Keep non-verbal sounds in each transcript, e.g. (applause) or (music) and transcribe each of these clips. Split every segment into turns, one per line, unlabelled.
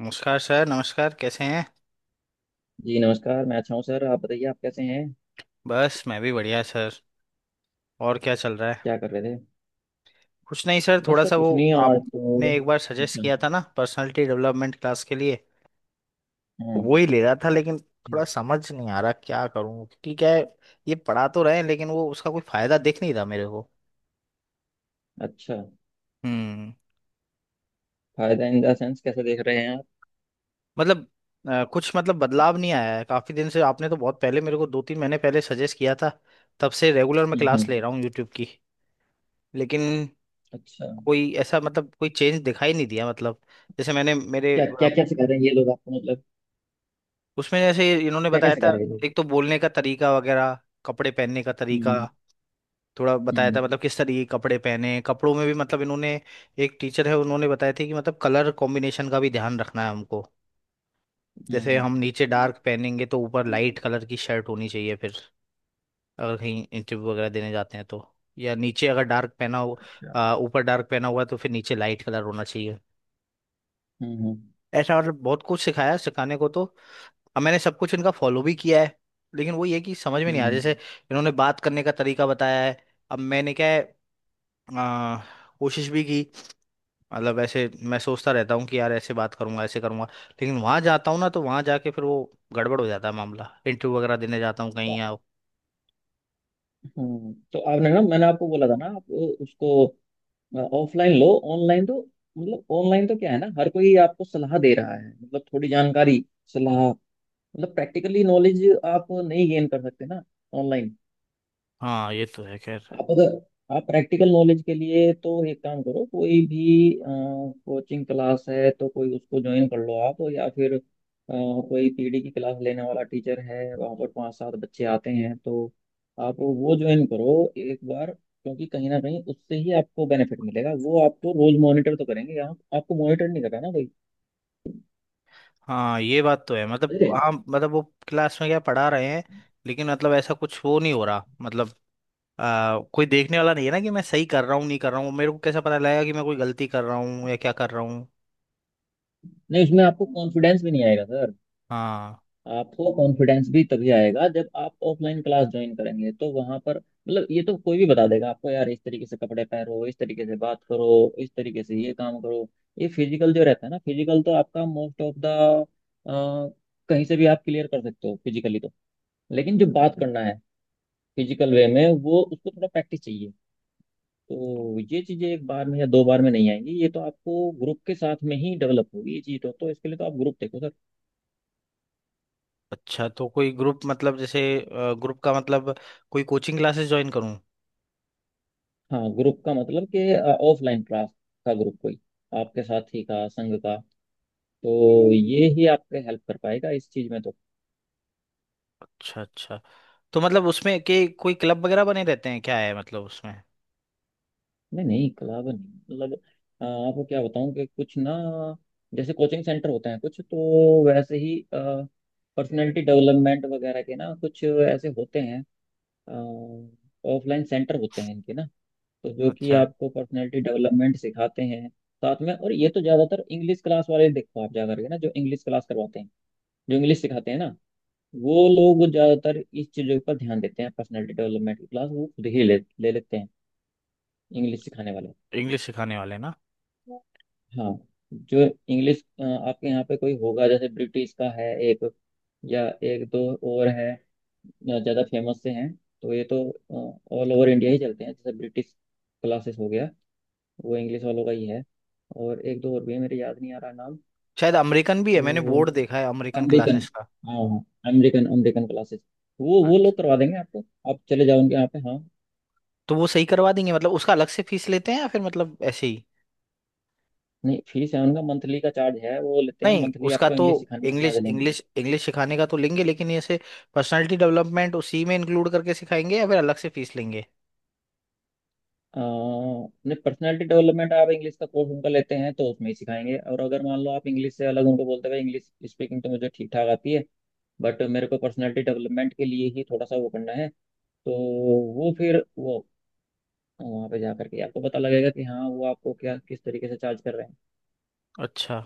नमस्कार सर। नमस्कार, कैसे हैं?
जी नमस्कार। मैं अच्छा हूँ सर, आप बताइए, आप कैसे हैं?
बस, मैं भी बढ़िया सर। और क्या चल रहा है?
क्या कर रहे थे?
कुछ नहीं सर,
बस
थोड़ा
सर
सा वो।
कुछ नहीं और, तो
आपने एक बार सजेस्ट
अच्छा।
किया था ना पर्सनालिटी डेवलपमेंट क्लास के लिए, तो
हाँ।
वो ही ले रहा था, लेकिन
जी।
थोड़ा समझ नहीं आ रहा क्या करूं, क्योंकि क्या है, ये पढ़ा तो रहे हैं लेकिन वो उसका कोई फायदा दिख नहीं रहा मेरे को।
अच्छा।
हम्म।
फायदा इन द सेंस कैसे देख रहे हैं आप?
मतलब कुछ मतलब बदलाव नहीं आया है काफी दिन से। आपने तो बहुत पहले मेरे को दो तीन महीने पहले सजेस्ट किया था। तब से रेगुलर मैं
हम्म,
क्लास
हम्म।
ले रहा हूँ यूट्यूब की। लेकिन
अच्छा।
कोई ऐसा मतलब कोई चेंज दिखाई नहीं दिया। मतलब जैसे मैंने मेरे
क्या
अ,
क्या क्या सिखा रहे हैं ये लोग आपको, मतलब?
उसमें जैसे इन्होंने
क्या क्या
बताया
सिखा
था,
रहे हैं ये लोग?
एक तो बोलने का तरीका वगैरह, कपड़े पहनने का तरीका।
हम्म,
थोड़ा बताया था
हम्म।
मतलब किस तरीके के कपड़े पहने। कपड़ों में भी मतलब इन्होंने, एक टीचर है उन्होंने बताया थे कि मतलब कलर कॉम्बिनेशन का भी ध्यान रखना है हमको।
हम्म,
जैसे
हम्म।
हम नीचे डार्क पहनेंगे तो ऊपर लाइट कलर की शर्ट होनी चाहिए। फिर अगर कहीं इंटरव्यू वगैरह देने जाते हैं तो, या नीचे अगर डार्क पहना हो,
अच्छा।
ऊपर डार्क पहना हुआ है, तो फिर नीचे लाइट कलर होना चाहिए।
हम्म, हम्म,
ऐसा मतलब बहुत कुछ सिखाया, सिखाने को तो। अब मैंने सब कुछ इनका फॉलो भी किया है। लेकिन वो ये कि समझ में नहीं आया।
हम्म।
जैसे इन्होंने बात करने का तरीका बताया है, अब मैंने क्या है, अ, कोशिश भी की। मतलब ऐसे मैं सोचता रहता हूँ कि यार ऐसे बात करूंगा, ऐसे करूंगा, लेकिन वहां जाता हूँ ना तो वहां जाके फिर वो गड़बड़ हो जाता है मामला। इंटरव्यू वगैरह देने जाता हूँ
तो।
कहीं या।
तो आपने, ना मैंने आपको बोला था ना, आप उसको ऑफलाइन लो। ऑनलाइन तो, मतलब ऑनलाइन तो क्या है ना, हर कोई आपको सलाह दे रहा है, मतलब थोड़ी जानकारी, सलाह। मतलब प्रैक्टिकली नॉलेज आप नहीं गेन कर सकते ना ऑनलाइन।
हाँ ये तो है खैर।
आप अगर, आप प्रैक्टिकल नॉलेज के लिए तो एक काम करो, कोई भी कोचिंग क्लास है तो कोई उसको ज्वाइन कर लो आप, या फिर कोई पीडी की क्लास लेने वाला टीचर है, वहाँ पर 5-7 बच्चे आते हैं, तो आप वो ज्वाइन करो एक बार, क्योंकि कहीं ना कहीं उससे ही आपको बेनिफिट मिलेगा। वो आपको रोज मॉनिटर तो करेंगे, यहाँ आपको मॉनिटर नहीं कर रहा ना कोई।
हाँ ये बात तो है
अरे!
मतलब। हाँ मतलब वो, क्लास में क्या पढ़ा रहे हैं, लेकिन मतलब ऐसा कुछ वो नहीं हो रहा। मतलब कोई देखने वाला नहीं है ना कि मैं सही कर रहा हूँ नहीं कर रहा हूँ। मेरे को कैसे पता लगेगा कि मैं कोई गलती कर रहा हूँ या क्या कर रहा हूँ?
नहीं, उसमें आपको कॉन्फिडेंस भी नहीं आएगा सर।
हाँ।
आपको कॉन्फिडेंस भी तभी आएगा जब आप ऑफलाइन क्लास ज्वाइन करेंगे, तो वहां पर मतलब ये तो कोई भी बता देगा आपको यार, इस तरीके से कपड़े पहनो, इस तरीके से बात करो, इस तरीके से ये काम करो। ये फिजिकल जो रहता है ना, फिजिकल तो आपका मोस्ट ऑफ द, कहीं से भी आप क्लियर कर सकते हो फिजिकली तो, लेकिन जो बात करना है फिजिकल वे में, वो उसको थोड़ा प्रैक्टिस चाहिए। तो ये चीजें एक बार में या दो बार में नहीं आएंगी, ये तो आपको ग्रुप के साथ में ही डेवलप होगी ये चीज तो इसके लिए तो आप ग्रुप देखो सर।
अच्छा, तो कोई ग्रुप, मतलब जैसे ग्रुप का मतलब कोई कोचिंग क्लासेस ज्वाइन करूँ?
हाँ, ग्रुप का मतलब कि ऑफलाइन क्लास का ग्रुप कोई, आपके साथी का संघ का। तो ये ही आपके हेल्प कर पाएगा इस चीज में तो।
अच्छा, अच्छा। तो मतलब उसमें के कोई क्लब वगैरह बने रहते हैं क्या है, मतलब उसमें?
नहीं नहीं, क्लब नहीं, मतलब आपको क्या बताऊं कि कुछ ना, जैसे कोचिंग सेंटर होते हैं कुछ, तो वैसे ही पर्सनैलिटी डेवलपमेंट वगैरह के ना कुछ ऐसे होते हैं, ऑफलाइन सेंटर होते हैं इनके ना, तो जो कि
अच्छा।
आपको पर्सनैलिटी डेवलपमेंट सिखाते हैं साथ में। और ये तो ज्यादातर इंग्लिश क्लास वाले, देखो आप जा करके ना, जो इंग्लिश क्लास करवाते हैं, जो इंग्लिश सिखाते हैं ना, वो लोग ज्यादातर इस चीजों पर ध्यान देते हैं। पर्सनालिटी डेवलपमेंट की क्लास वो खुद ही ले ले लेते हैं, इंग्लिश सिखाने वाले।
इंग्लिश सिखाने वाले ना?
हाँ, जो इंग्लिश आपके यहाँ पे कोई होगा, जैसे ब्रिटिश का है एक, या एक दो और है, ज्यादा फेमस से हैं, तो ये तो ऑल ओवर इंडिया ही चलते हैं। जैसे ब्रिटिश क्लासेस हो गया, वो इंग्लिश वालों का ही है। और एक दो और भी है, मेरे याद नहीं आ रहा नाम।
शायद अमेरिकन भी है, मैंने
तो
बोर्ड देखा है अमेरिकन
अमेरिकन,
क्लासेस का।
हाँ हाँ, अमेरिकन, अमेरिकन क्लासेस, वो
अच्छा,
लोग करवा देंगे आपको। आप चले जाओ उनके यहाँ पे। हाँ,
तो वो सही करवा देंगे? मतलब उसका अलग से फीस लेते हैं या फिर मतलब ऐसे ही?
नहीं फीस है उनका, मंथली का चार्ज है वो लेते हैं,
नहीं
मंथली
उसका
आपको
तो,
इंग्लिश सिखाने का
इंग्लिश
चार्ज लेंगे।
इंग्लिश इंग्लिश सिखाने का तो लेंगे, लेकिन ऐसे पर्सनालिटी डेवलपमेंट उसी में इंक्लूड करके सिखाएंगे या फिर अलग से फीस लेंगे?
नहीं, पर्सनैलिटी डेवलपमेंट, आप इंग्लिश का कोर्स उनका लेते हैं तो उसमें ही सिखाएंगे। और अगर मान लो आप इंग्लिश से अलग उनको बोलते हैं इंग्लिश स्पीकिंग तो मुझे ठीक ठाक आती है, बट मेरे को पर्सनैलिटी डेवलपमेंट के लिए ही थोड़ा सा वो करना है, तो वो फिर वो वहाँ पे जा करके आपको पता लगेगा कि हाँ वो आपको क्या किस तरीके से चार्ज कर रहे हैं।
अच्छा।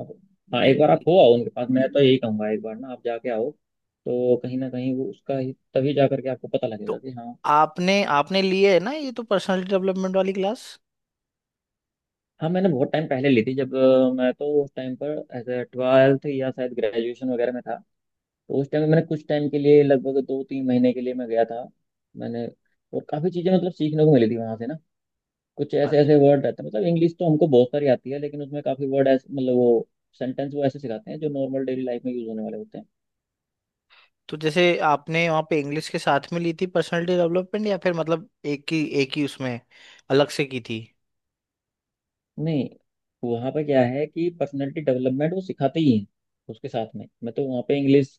आप- हाँ, एक
ये
बार आप
भी-
हो आओ उनके पास। मैं तो यही कहूंगा, एक बार ना आप जाके आओ, तो कहीं ना कहीं वो उसका ही, तभी जा करके आपको पता
तो
लगेगा कि हाँ।
आपने आपने लिए है ना ये तो पर्सनालिटी डेवलपमेंट वाली क्लास?
हाँ, मैंने बहुत टाइम पहले ली थी, जब मैं तो उस टाइम पर एज ए ट्वेल्थ या शायद ग्रेजुएशन वगैरह में था। तो उस टाइम मैंने कुछ टाइम के लिए, लगभग 2-3 महीने के लिए मैं गया था मैंने, और काफ़ी चीज़ें मतलब सीखने को मिली थी वहाँ से ना। कुछ ऐसे
अच्छा।
ऐसे वर्ड रहते हैं, मतलब इंग्लिश तो हमको बहुत सारी आती है, लेकिन उसमें काफ़ी वर्ड ऐसे, मतलब वो सेंटेंस वो ऐसे सिखाते हैं जो नॉर्मल डेली लाइफ में यूज होने वाले होते हैं।
तो जैसे आपने वहाँ पे इंग्लिश के साथ में ली थी पर्सनालिटी डेवलपमेंट, या फिर मतलब एक ही, एक ही उसमें अलग से की थी?
नहीं, वहाँ पे क्या है कि पर्सनैलिटी डेवलपमेंट वो सिखाते ही हैं, उसके साथ में। मैं तो वहाँ पे इंग्लिश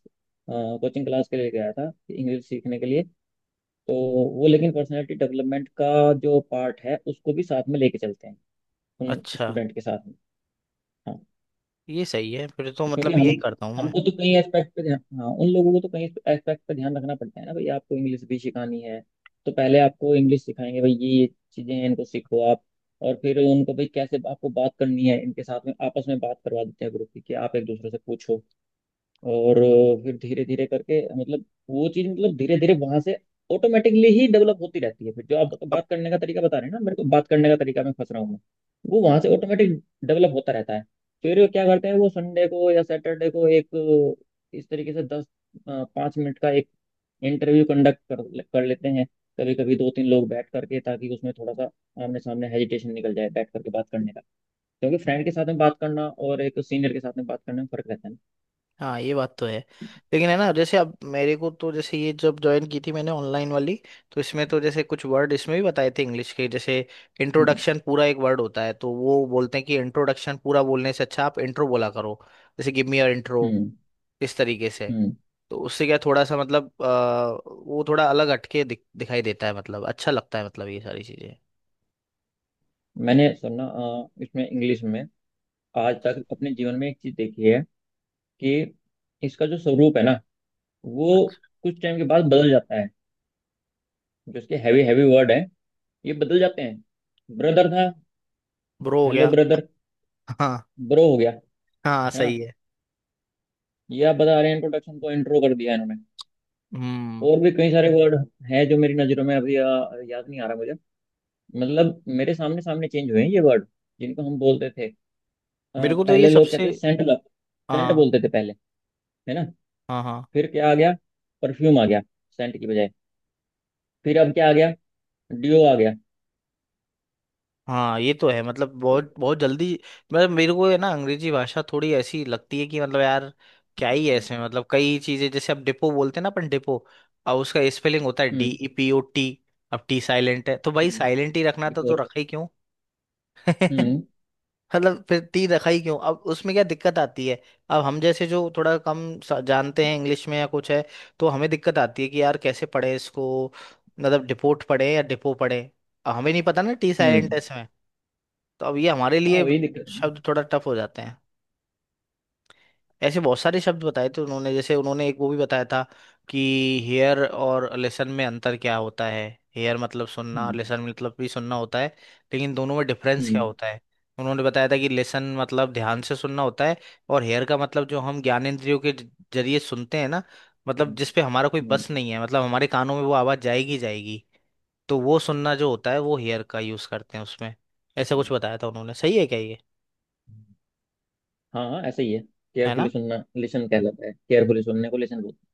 कोचिंग क्लास के लिए गया था, इंग्लिश सीखने के लिए, तो वो, लेकिन पर्सनैलिटी डेवलपमेंट का जो पार्ट है, उसको भी साथ में लेके चलते हैं उन
अच्छा,
स्टूडेंट के साथ में। हाँ,
ये सही है फिर तो।
तो क्योंकि
मतलब
हम,
यही करता हूँ मैं।
हमको तो कई एस्पेक्ट पे ध्यान, हाँ, उन लोगों को तो कई एस्पेक्ट पे ध्यान रखना पड़ता है ना भाई। आपको इंग्लिश भी सिखानी है, तो पहले आपको इंग्लिश सिखाएंगे, भाई ये चीजें हैं, इनको सीखो आप। और फिर उनको, भाई कैसे आपको बात करनी है, इनके साथ में आपस में बात करवा देते हैं ग्रुप की, कि आप एक दूसरे से पूछो। और फिर धीरे धीरे करके, मतलब वो चीज मतलब धीरे धीरे वहां से ऑटोमेटिकली ही डेवलप होती रहती है। फिर जो आप बात करने का तरीका बता रहे हैं ना, मेरे को बात करने का तरीका मैं फंस रहा हूँ मैं, वो वहां से ऑटोमेटिक डेवलप होता रहता है। फिर क्या करते हैं वो, संडे को या सैटरडे को एक इस तरीके से 10-5 मिनट का एक इंटरव्यू कंडक्ट कर कर लेते हैं, कभी कभी 2-3 लोग बैठ करके, ताकि उसमें थोड़ा सा आमने सामने हेजिटेशन निकल जाए बैठ करके बात करने का, क्योंकि फ्रेंड के साथ में बात करना और एक सीनियर के साथ में बात करने में फर्क रहता है ना।
हाँ ये बात तो है। लेकिन है ना जैसे अब मेरे को तो, जैसे ये जब ज्वाइन की थी मैंने ऑनलाइन वाली, तो इसमें तो जैसे कुछ वर्ड इसमें भी बताए थे इंग्लिश के। जैसे
हम्म,
इंट्रोडक्शन पूरा एक वर्ड होता है, तो वो बोलते हैं कि इंट्रोडक्शन पूरा बोलने से अच्छा आप इंट्रो बोला करो। जैसे गिव मी योर इंट्रो,
हम्म,
इस तरीके से।
हम्म।
तो उससे क्या, थोड़ा सा मतलब वो थोड़ा अलग हटके दिखाई देता है। मतलब अच्छा लगता है मतलब ये सारी चीजें।
मैंने सुना इसमें इंग्लिश में आज तक अपने जीवन में एक चीज देखी है, कि इसका जो स्वरूप है ना, वो कुछ टाइम के बाद बदल जाता है। जो इसके हैवी हैवी वर्ड है, ये बदल जाते हैं। ब्रदर था,
ब्रो हो
हेलो
गया।
ब्रदर,
(laughs) हाँ।
ब्रो हो गया।
हाँ
है ना।
सही है।
ये आप बता रहे हैं, इंट्रोडक्शन को इंट्रो कर दिया इन्होंने।
हम्म।
और भी कई सारे वर्ड हैं जो मेरी नजरों में अभी याद नहीं आ रहा मुझे। मतलब मेरे सामने सामने चेंज हुए हैं ये वर्ड जिनको हम बोलते थे।
मेरे को तो ये
पहले लोग कहते
सबसे।
थे, सेंट सेंट
हाँ।
बोलते थे पहले, है ना।
हाँ, हाँ।
फिर क्या आ गया? परफ्यूम आ गया सेंट की बजाय। फिर अब क्या आ गया? डियो आ गया।
हाँ ये तो है। मतलब बहुत बहुत जल्दी। मतलब मेरे को है ना, अंग्रेजी भाषा थोड़ी ऐसी लगती है कि मतलब यार क्या ही है इसमें। मतलब कई चीजें, जैसे अब डिपो बोलते हैं ना, अपन डिपो, अब उसका स्पेलिंग होता है D
hmm,
E P O T अब टी साइलेंट है तो भाई
हम्म।
साइलेंट ही रखना था तो
decor,
रखा ही क्यों?
हम्म,
(laughs) मतलब फिर तीर रखा ही क्यों? अब उसमें क्या दिक्कत आती है? अब हम जैसे जो थोड़ा कम सा- जानते हैं इंग्लिश में या कुछ है, तो हमें दिक्कत आती है कि यार कैसे पढ़े इसको, मतलब डिपोट पढ़े या डिपो पढ़े? अब हमें नहीं पता ना टी साइलेंट है
हम्म।
इसमें, तो अब ये हमारे
हाँ,
लिए
वही दिक्कत है ना।
शब्द थोड़ा टफ हो जाते हैं। ऐसे बहुत सारे शब्द बताए थे उन्होंने। जैसे उन्होंने एक वो भी बताया था कि हेयर और लिसन में अंतर क्या होता है। हेयर मतलब सुनना,
हम्म,
लिसन मतलब भी सुनना होता है, लेकिन दोनों में डिफरेंस क्या
हम्म,
होता है। उन्होंने बताया था कि लिसन मतलब ध्यान से सुनना होता है, और हेयर का मतलब जो हम ज्ञान इंद्रियों के जरिए सुनते हैं ना,
हम्म,
मतलब जिस पे हमारा कोई
हम्म।
बस नहीं है, मतलब हमारे कानों में वो आवाज जाएगी ही जाएगी, तो वो सुनना जो होता है वो हेयर का यूज करते हैं उसमें। ऐसा
हम्म।
कुछ बताया था उन्होंने। सही है क्या ये?
हाँ हाँ, ऐसा ही है।
है
केयरफुली
ना।
सुनना लिसन कहलाता है, केयरफुली सुनने को लिसन बोलते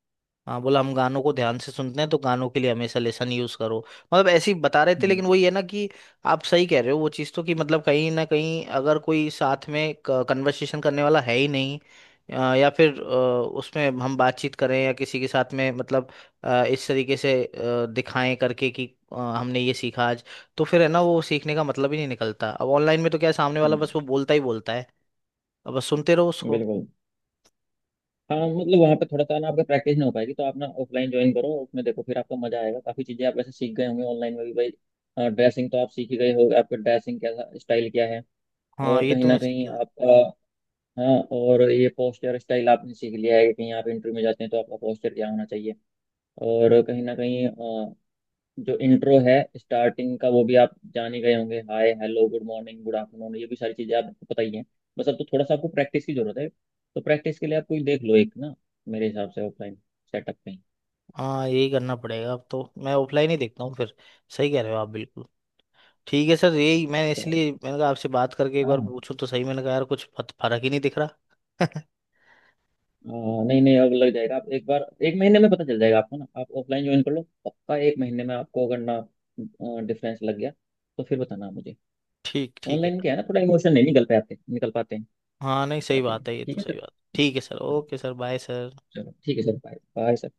हाँ बोला हम गानों को ध्यान से सुनते हैं, तो गानों के लिए हमेशा लेसन यूज करो। मतलब ऐसे ही बता रहे
हैं।
थे।
हम्म,
लेकिन वही है ना कि, आप सही कह रहे हो वो चीज़ तो, कि मतलब कहीं ना कहीं अगर कोई साथ में कन्वर्सेशन करने वाला है ही नहीं, या फिर उसमें हम बातचीत करें या किसी के साथ में मतलब इस तरीके से दिखाएं करके कि हमने ये सीखा आज, तो फिर है ना वो सीखने का मतलब ही नहीं निकलता। अब ऑनलाइन में तो क्या है, सामने वाला
हम्म।
बस वो बोलता ही बोलता है, अब बस सुनते रहो उसको।
बिल्कुल। हाँ, मतलब वहाँ पे थोड़ा सा ना आपका प्रैक्टिस नहीं हो पाएगी, तो आप ना ऑफलाइन ज्वाइन करो, उसमें देखो, फिर आपको मजा आएगा। काफी चीजें आप वैसे सीख गए होंगे ऑनलाइन में भी भाई। ड्रेसिंग तो आप सीख ही गए हो, आपका ड्रेसिंग कैसा स्टाइल क्या है,
हाँ
और
ये
कहीं
तो
ना
मैं सीख
कहीं
गया।
आपका, हाँ, और ये पोस्चर स्टाइल आपने सीख लिया है, कि कहीं आप इंटरव्यू में जाते हैं तो आपका पोस्चर क्या होना चाहिए। और कहीं ना कहीं जो इंट्रो है स्टार्टिंग का, वो भी आप जान ही गए होंगे, hi hello good morning good afternoon, ये भी सारी चीज़ें आपको पता ही हैं। बस अब तो थोड़ा सा आपको प्रैक्टिस की जरूरत है, तो प्रैक्टिस के लिए आप कोई देख लो एक ना, मेरे हिसाब से ऑफलाइन सेटअप कहीं।
हाँ यही करना पड़ेगा। अब तो मैं ऑफलाइन ही देखता हूँ फिर। सही कह रहे हो आप बिल्कुल। ठीक है सर, यही मैं
तो,
इसलिए मैंने कहा आपसे बात करके एक बार
हाँ।
पूछूं तो सही, मैंने कहा यार कुछ फर्क ही नहीं दिख रहा।
हाँ, नहीं नहीं, अब लग जाएगा। आप एक बार, एक महीने में पता चल जाएगा आपको ना। आप ऑफलाइन ज्वाइन कर लो, पक्का एक महीने में आपको अगर ना डिफरेंस लग गया तो फिर बताना मुझे।
(laughs) ठीक, ठीक है।
ऑनलाइन क्या है ना, थोड़ा इमोशन नहीं निकल पाते हैं।
हाँ नहीं, सही
चलिए
बात है ये
ठीक
तो,
है
सही
सर।
बात। ठीक है सर।
हाँ,
ओके सर। Bye sir.
चलो ठीक है सर, बाय बाय सर।